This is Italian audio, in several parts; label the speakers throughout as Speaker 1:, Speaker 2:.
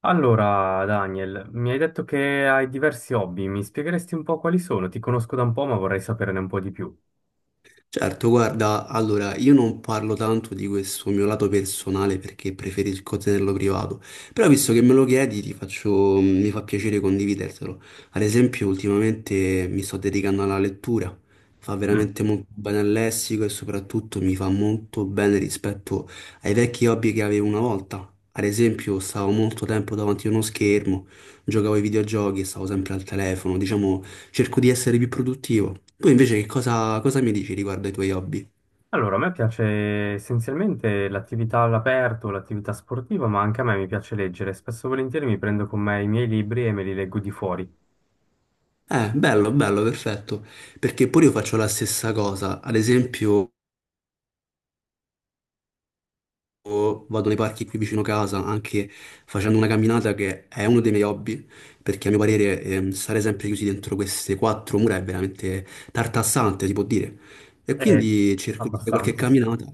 Speaker 1: Allora, Daniel, mi hai detto che hai diversi hobby, mi spiegheresti un po' quali sono? Ti conosco da un po', ma vorrei saperne un po' di più.
Speaker 2: Certo, guarda, allora io non parlo tanto di questo mio lato personale perché preferisco tenerlo privato, però visto che me lo chiedi ti faccio, mi fa piacere condividertelo. Ad esempio, ultimamente mi sto dedicando alla lettura, fa
Speaker 1: Mm.
Speaker 2: veramente molto bene al lessico e soprattutto mi fa molto bene rispetto ai vecchi hobby che avevo una volta. Ad esempio, stavo molto tempo davanti a uno schermo, giocavo ai videogiochi, stavo sempre al telefono, diciamo, cerco di essere più produttivo. Poi invece che cosa mi dici riguardo ai tuoi hobby?
Speaker 1: Allora, a me piace essenzialmente l'attività all'aperto, l'attività sportiva, ma anche a me mi piace leggere. Spesso e volentieri mi prendo con me i miei libri e me li leggo di fuori.
Speaker 2: Bello, bello, perfetto, perché pure io faccio la stessa cosa, ad esempio io vado nei parchi qui vicino casa, anche facendo una camminata che è uno dei miei hobby, perché a mio parere stare sempre chiusi dentro queste quattro mura è veramente tartassante, si può dire. E
Speaker 1: Eh,
Speaker 2: quindi cerco di fare qualche
Speaker 1: abbastanza, sì.
Speaker 2: camminata.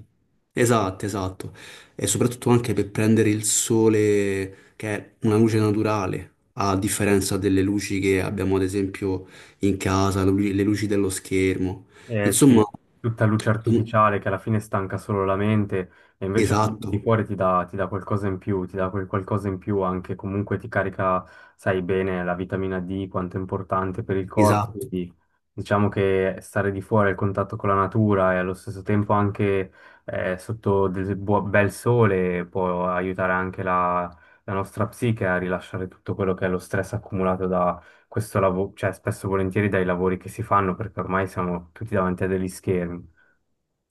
Speaker 2: Esatto, esatto. E soprattutto anche per prendere il sole, che è una luce naturale, a differenza delle luci che abbiamo ad esempio in casa, le luci dello schermo.
Speaker 1: Eh, sì,
Speaker 2: Insomma,
Speaker 1: tutta luce
Speaker 2: tu-
Speaker 1: artificiale che alla fine stanca solo la mente, e invece la luce di
Speaker 2: esatto,
Speaker 1: fuori ti dà qualcosa in più, ti dà quel qualcosa in più anche, comunque ti carica, sai bene, la vitamina D, quanto è importante per il corpo.
Speaker 2: esatto.
Speaker 1: Quindi diciamo che stare di fuori al contatto con la natura e allo stesso tempo anche sotto del bel sole può aiutare anche la nostra psiche a rilasciare tutto quello che è lo stress accumulato questo lavoro, cioè spesso e volentieri dai lavori che si fanno, perché ormai siamo tutti davanti a degli schermi.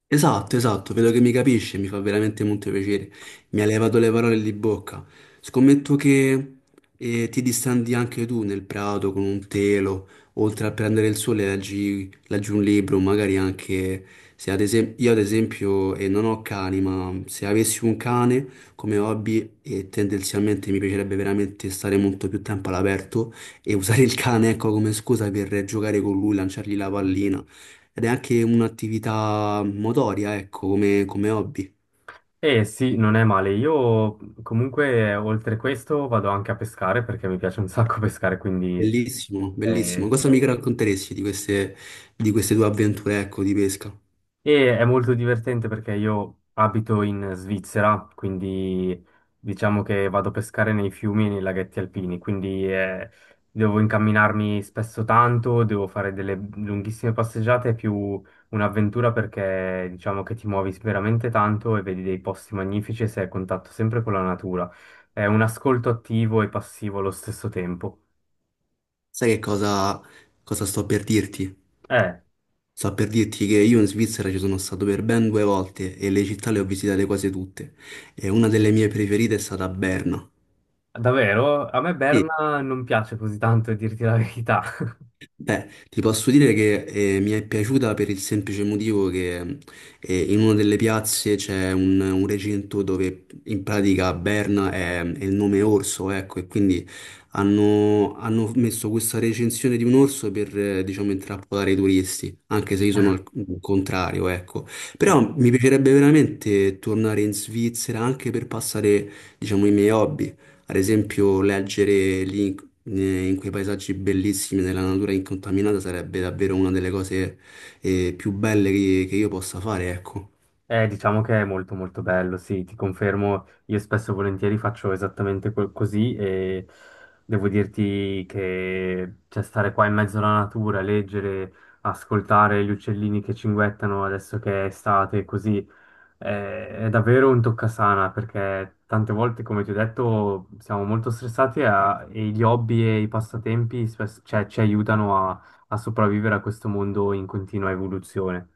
Speaker 2: Esatto, esatto, vedo che mi capisce, mi fa veramente molto piacere. Mi ha levato le parole di bocca. Scommetto che ti distandi anche tu nel prato con un telo, oltre a prendere il sole, leggi, leggi un libro, magari anche se ad esempio io ad esempio, non ho cani, ma se avessi un cane come hobby, e tendenzialmente mi piacerebbe veramente stare molto più tempo all'aperto e usare il cane, ecco, come scusa per giocare con lui, lanciargli la pallina. Ed è anche un'attività motoria, ecco, come, come hobby.
Speaker 1: E sì, non è male. Io comunque oltre questo vado anche a pescare perché mi piace un sacco pescare, quindi
Speaker 2: Bellissimo, bellissimo.
Speaker 1: eh,
Speaker 2: Cosa mi racconteresti di queste tue avventure, ecco, di pesca?
Speaker 1: È molto divertente perché io abito in Svizzera, quindi diciamo che vado a pescare nei fiumi e nei laghetti alpini, quindi devo incamminarmi spesso tanto, devo fare delle lunghissime passeggiate, è più un'avventura perché diciamo che ti muovi veramente tanto e vedi dei posti magnifici e sei a contatto sempre con la natura. È un ascolto attivo e passivo allo stesso tempo.
Speaker 2: Sai che cosa, cosa sto per dirti?
Speaker 1: Eh,
Speaker 2: Sto per dirti che io in Svizzera ci sono stato per ben due volte e le città le ho visitate quasi tutte. E una delle mie preferite è stata Berna.
Speaker 1: davvero? A me
Speaker 2: Sì,
Speaker 1: Berna non piace così tanto, a dirti la verità.
Speaker 2: beh, ti posso dire che mi è piaciuta per il semplice motivo che in una delle piazze c'è un recinto dove in pratica Berna è il nome orso, ecco, e quindi hanno, hanno messo questa recensione di un orso per, diciamo, intrappolare i turisti, anche se io sono al contrario, ecco.
Speaker 1: Sì.
Speaker 2: Però mi piacerebbe veramente tornare in Svizzera anche per passare, diciamo, i miei hobby. Ad esempio, leggere link in quei paesaggi bellissimi, nella natura incontaminata, sarebbe davvero una delle cose, più belle che io possa fare, ecco.
Speaker 1: Diciamo che è molto molto bello, sì, ti confermo, io spesso e volentieri faccio esattamente così, e devo dirti che cioè, stare qua in mezzo alla natura, leggere, ascoltare gli uccellini che cinguettano adesso che è estate, così è davvero un toccasana, perché tante volte, come ti ho detto, siamo molto stressati e gli hobby e i passatempi cioè, ci aiutano a sopravvivere a questo mondo in continua evoluzione.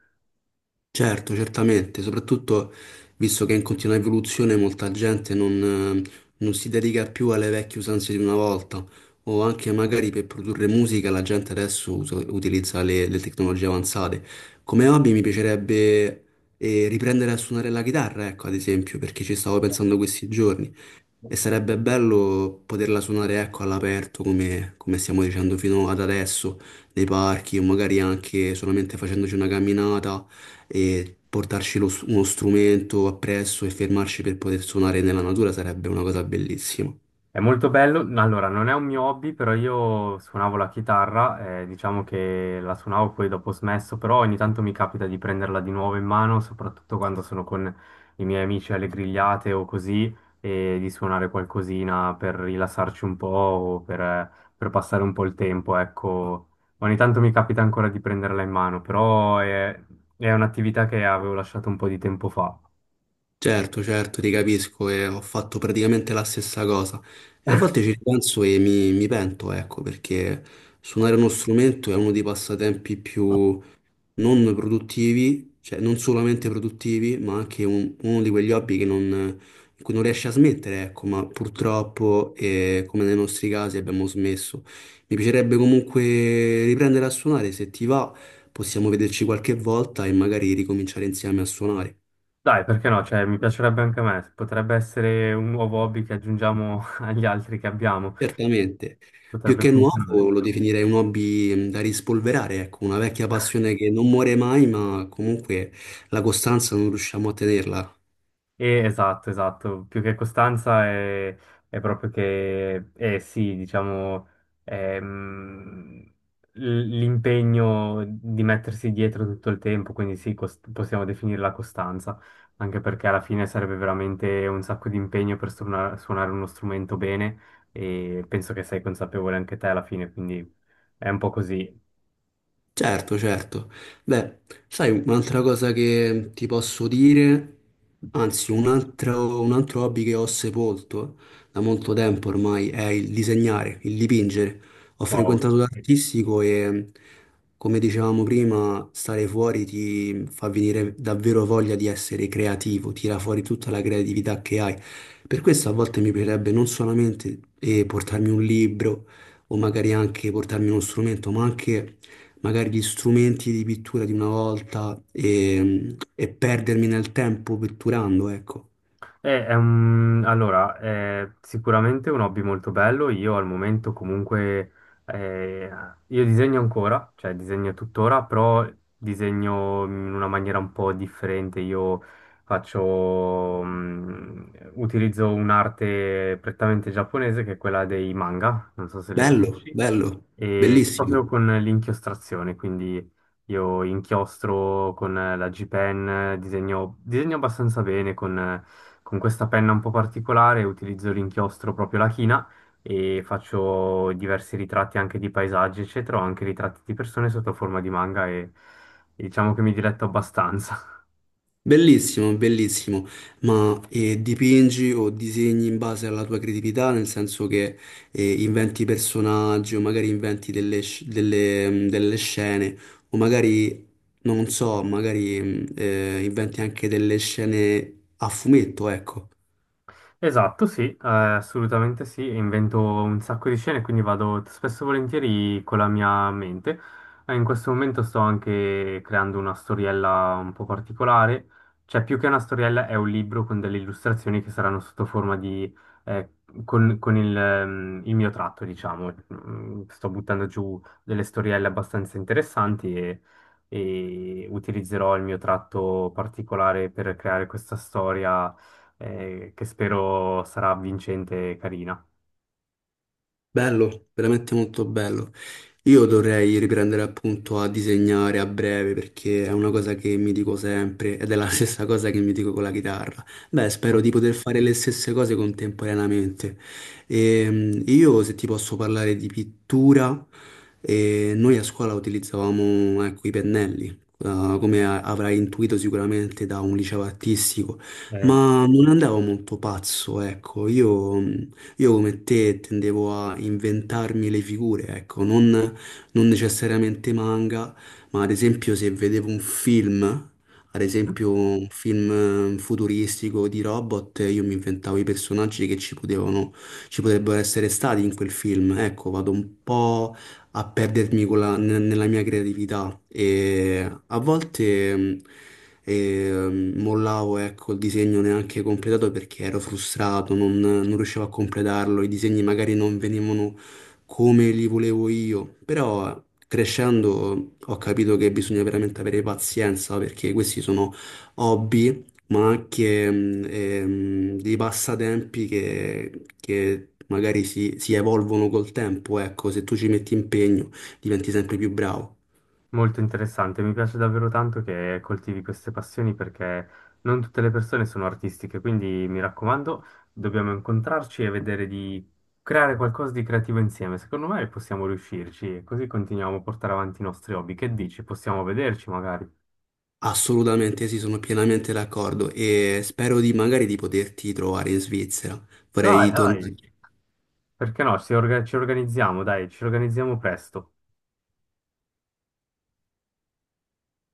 Speaker 2: Certo, certamente, soprattutto visto che è in continua evoluzione molta gente non, non si dedica più alle vecchie usanze di una volta, o anche magari per produrre musica la gente adesso utilizza le tecnologie avanzate. Come hobby mi piacerebbe... riprendere a suonare la chitarra, ecco, ad esempio, perché ci stavo pensando questi giorni. E sarebbe bello poterla suonare, ecco, all'aperto, come, come stiamo dicendo fino ad adesso, nei parchi o magari anche solamente facendoci una camminata e portarci uno strumento appresso e fermarci per poter suonare nella natura sarebbe una cosa bellissima.
Speaker 1: È molto bello, allora non è un mio hobby, però io suonavo la chitarra, diciamo che la suonavo, poi dopo ho smesso, però ogni tanto mi capita di prenderla di nuovo in mano, soprattutto quando sono con i miei amici alle grigliate o così, e di suonare qualcosina per rilassarci un po' per passare un po' il tempo, ecco. Ogni tanto mi capita ancora di prenderla in mano, è un'attività che avevo lasciato un po' di tempo fa.
Speaker 2: Certo, certo, ti capisco e ho fatto praticamente la stessa cosa. E a volte ci penso e mi pento, ecco, perché suonare uno strumento è uno dei passatempi più non produttivi, cioè non solamente produttivi, ma anche uno di quegli hobby che non, in cui non riesci a smettere, ecco, ma purtroppo, come nei nostri casi, abbiamo smesso. Mi piacerebbe comunque riprendere a suonare, se ti va, possiamo vederci qualche volta e magari ricominciare insieme a suonare.
Speaker 1: Dai, perché no? Cioè, mi piacerebbe anche a me. Potrebbe essere un nuovo hobby che aggiungiamo agli altri che abbiamo.
Speaker 2: Certamente. Più
Speaker 1: Potrebbe
Speaker 2: che
Speaker 1: funzionare.
Speaker 2: nuovo lo definirei un hobby da rispolverare, ecco, una vecchia passione che non muore mai, ma comunque la costanza non riusciamo a tenerla.
Speaker 1: Esatto, esatto, più che costanza è proprio che, sì, diciamo, ehm, l'impegno di mettersi dietro tutto il tempo, quindi sì, possiamo definire la costanza, anche perché alla fine sarebbe veramente un sacco di impegno per suonare uno strumento bene, e penso che sei consapevole anche te alla fine, quindi è un po' così.
Speaker 2: Certo, certo. Beh, sai, un'altra cosa che ti posso dire, anzi, un altro hobby che ho sepolto da molto tempo ormai è il disegnare, il dipingere. Ho
Speaker 1: Wow.
Speaker 2: frequentato l'artistico e, come dicevamo prima, stare fuori ti fa venire davvero voglia di essere creativo, tira fuori tutta la creatività che hai. Per questo a volte mi piacerebbe non solamente portarmi un libro o magari anche portarmi uno strumento, ma anche magari gli strumenti di pittura di una volta e perdermi nel tempo pitturando, ecco.
Speaker 1: Allora, è sicuramente un hobby molto bello. Io al momento comunque eh, io disegno ancora, cioè disegno tuttora, però disegno in una maniera un po' differente. Io faccio, mm, utilizzo un'arte prettamente giapponese che è quella dei manga, non so se li
Speaker 2: Bello,
Speaker 1: conosci,
Speaker 2: bello,
Speaker 1: e proprio
Speaker 2: bellissimo,
Speaker 1: con l'inchiostrazione. Quindi io inchiostro con la G-Pen, disegno, disegno abbastanza bene con questa penna un po' particolare, utilizzo l'inchiostro proprio la china, e faccio diversi ritratti anche di paesaggi, eccetera, o anche ritratti di persone sotto forma di manga, e diciamo che mi diletto abbastanza.
Speaker 2: bellissimo, bellissimo. Ma dipingi o disegni in base alla tua creatività, nel senso che inventi personaggi o magari inventi delle, delle scene o magari, non so, magari inventi anche delle scene a fumetto, ecco.
Speaker 1: Esatto, sì, assolutamente sì, invento un sacco di scene, quindi vado spesso e volentieri con la mia mente. In questo momento sto anche creando una storiella un po' particolare, cioè più che una storiella è un libro con delle illustrazioni che saranno sotto forma di... eh, con il mio tratto, diciamo. Mm, sto buttando giù delle storielle abbastanza interessanti, e utilizzerò il mio tratto particolare per creare questa storia, che spero sarà vincente e carina.
Speaker 2: Bello, veramente molto bello. Io dovrei riprendere appunto a disegnare a breve perché è una cosa che mi dico sempre ed è la stessa cosa che mi dico con la chitarra. Beh, spero di poter fare le stesse cose contemporaneamente. Io se ti posso parlare di pittura, noi a scuola utilizzavamo ecco, i pennelli, come avrai intuito sicuramente da un liceo artistico.
Speaker 1: Sì.
Speaker 2: Ma non andavo molto pazzo, ecco, io come te tendevo a inventarmi le figure, ecco, non, non necessariamente manga, ma ad esempio se vedevo un film, ad esempio un film futuristico di robot, io mi inventavo i personaggi che ci potevano, ci potrebbero essere stati in quel film. Ecco, vado un po' a perdermi con nella mia creatività e a volte mollavo ecco, il disegno neanche completato perché ero frustrato, non, non riuscivo a completarlo, i disegni magari non venivano come li volevo io, però crescendo ho capito che bisogna veramente avere pazienza perché questi sono hobby ma anche dei passatempi che magari si, si evolvono col tempo. Ecco, se tu ci metti impegno, diventi sempre più bravo.
Speaker 1: Molto interessante, mi piace davvero tanto che coltivi queste passioni, perché non tutte le persone sono artistiche, quindi mi raccomando, dobbiamo incontrarci e vedere di creare qualcosa di creativo insieme. Secondo me possiamo riuscirci e così continuiamo a portare avanti i nostri hobby. Che dici? Possiamo vederci magari?
Speaker 2: Assolutamente sì, sono pienamente d'accordo e spero di magari di poterti trovare in Svizzera.
Speaker 1: Dai,
Speaker 2: Vorrei
Speaker 1: dai,
Speaker 2: tornare
Speaker 1: perché no? Ci organizziamo, dai, ci organizziamo presto.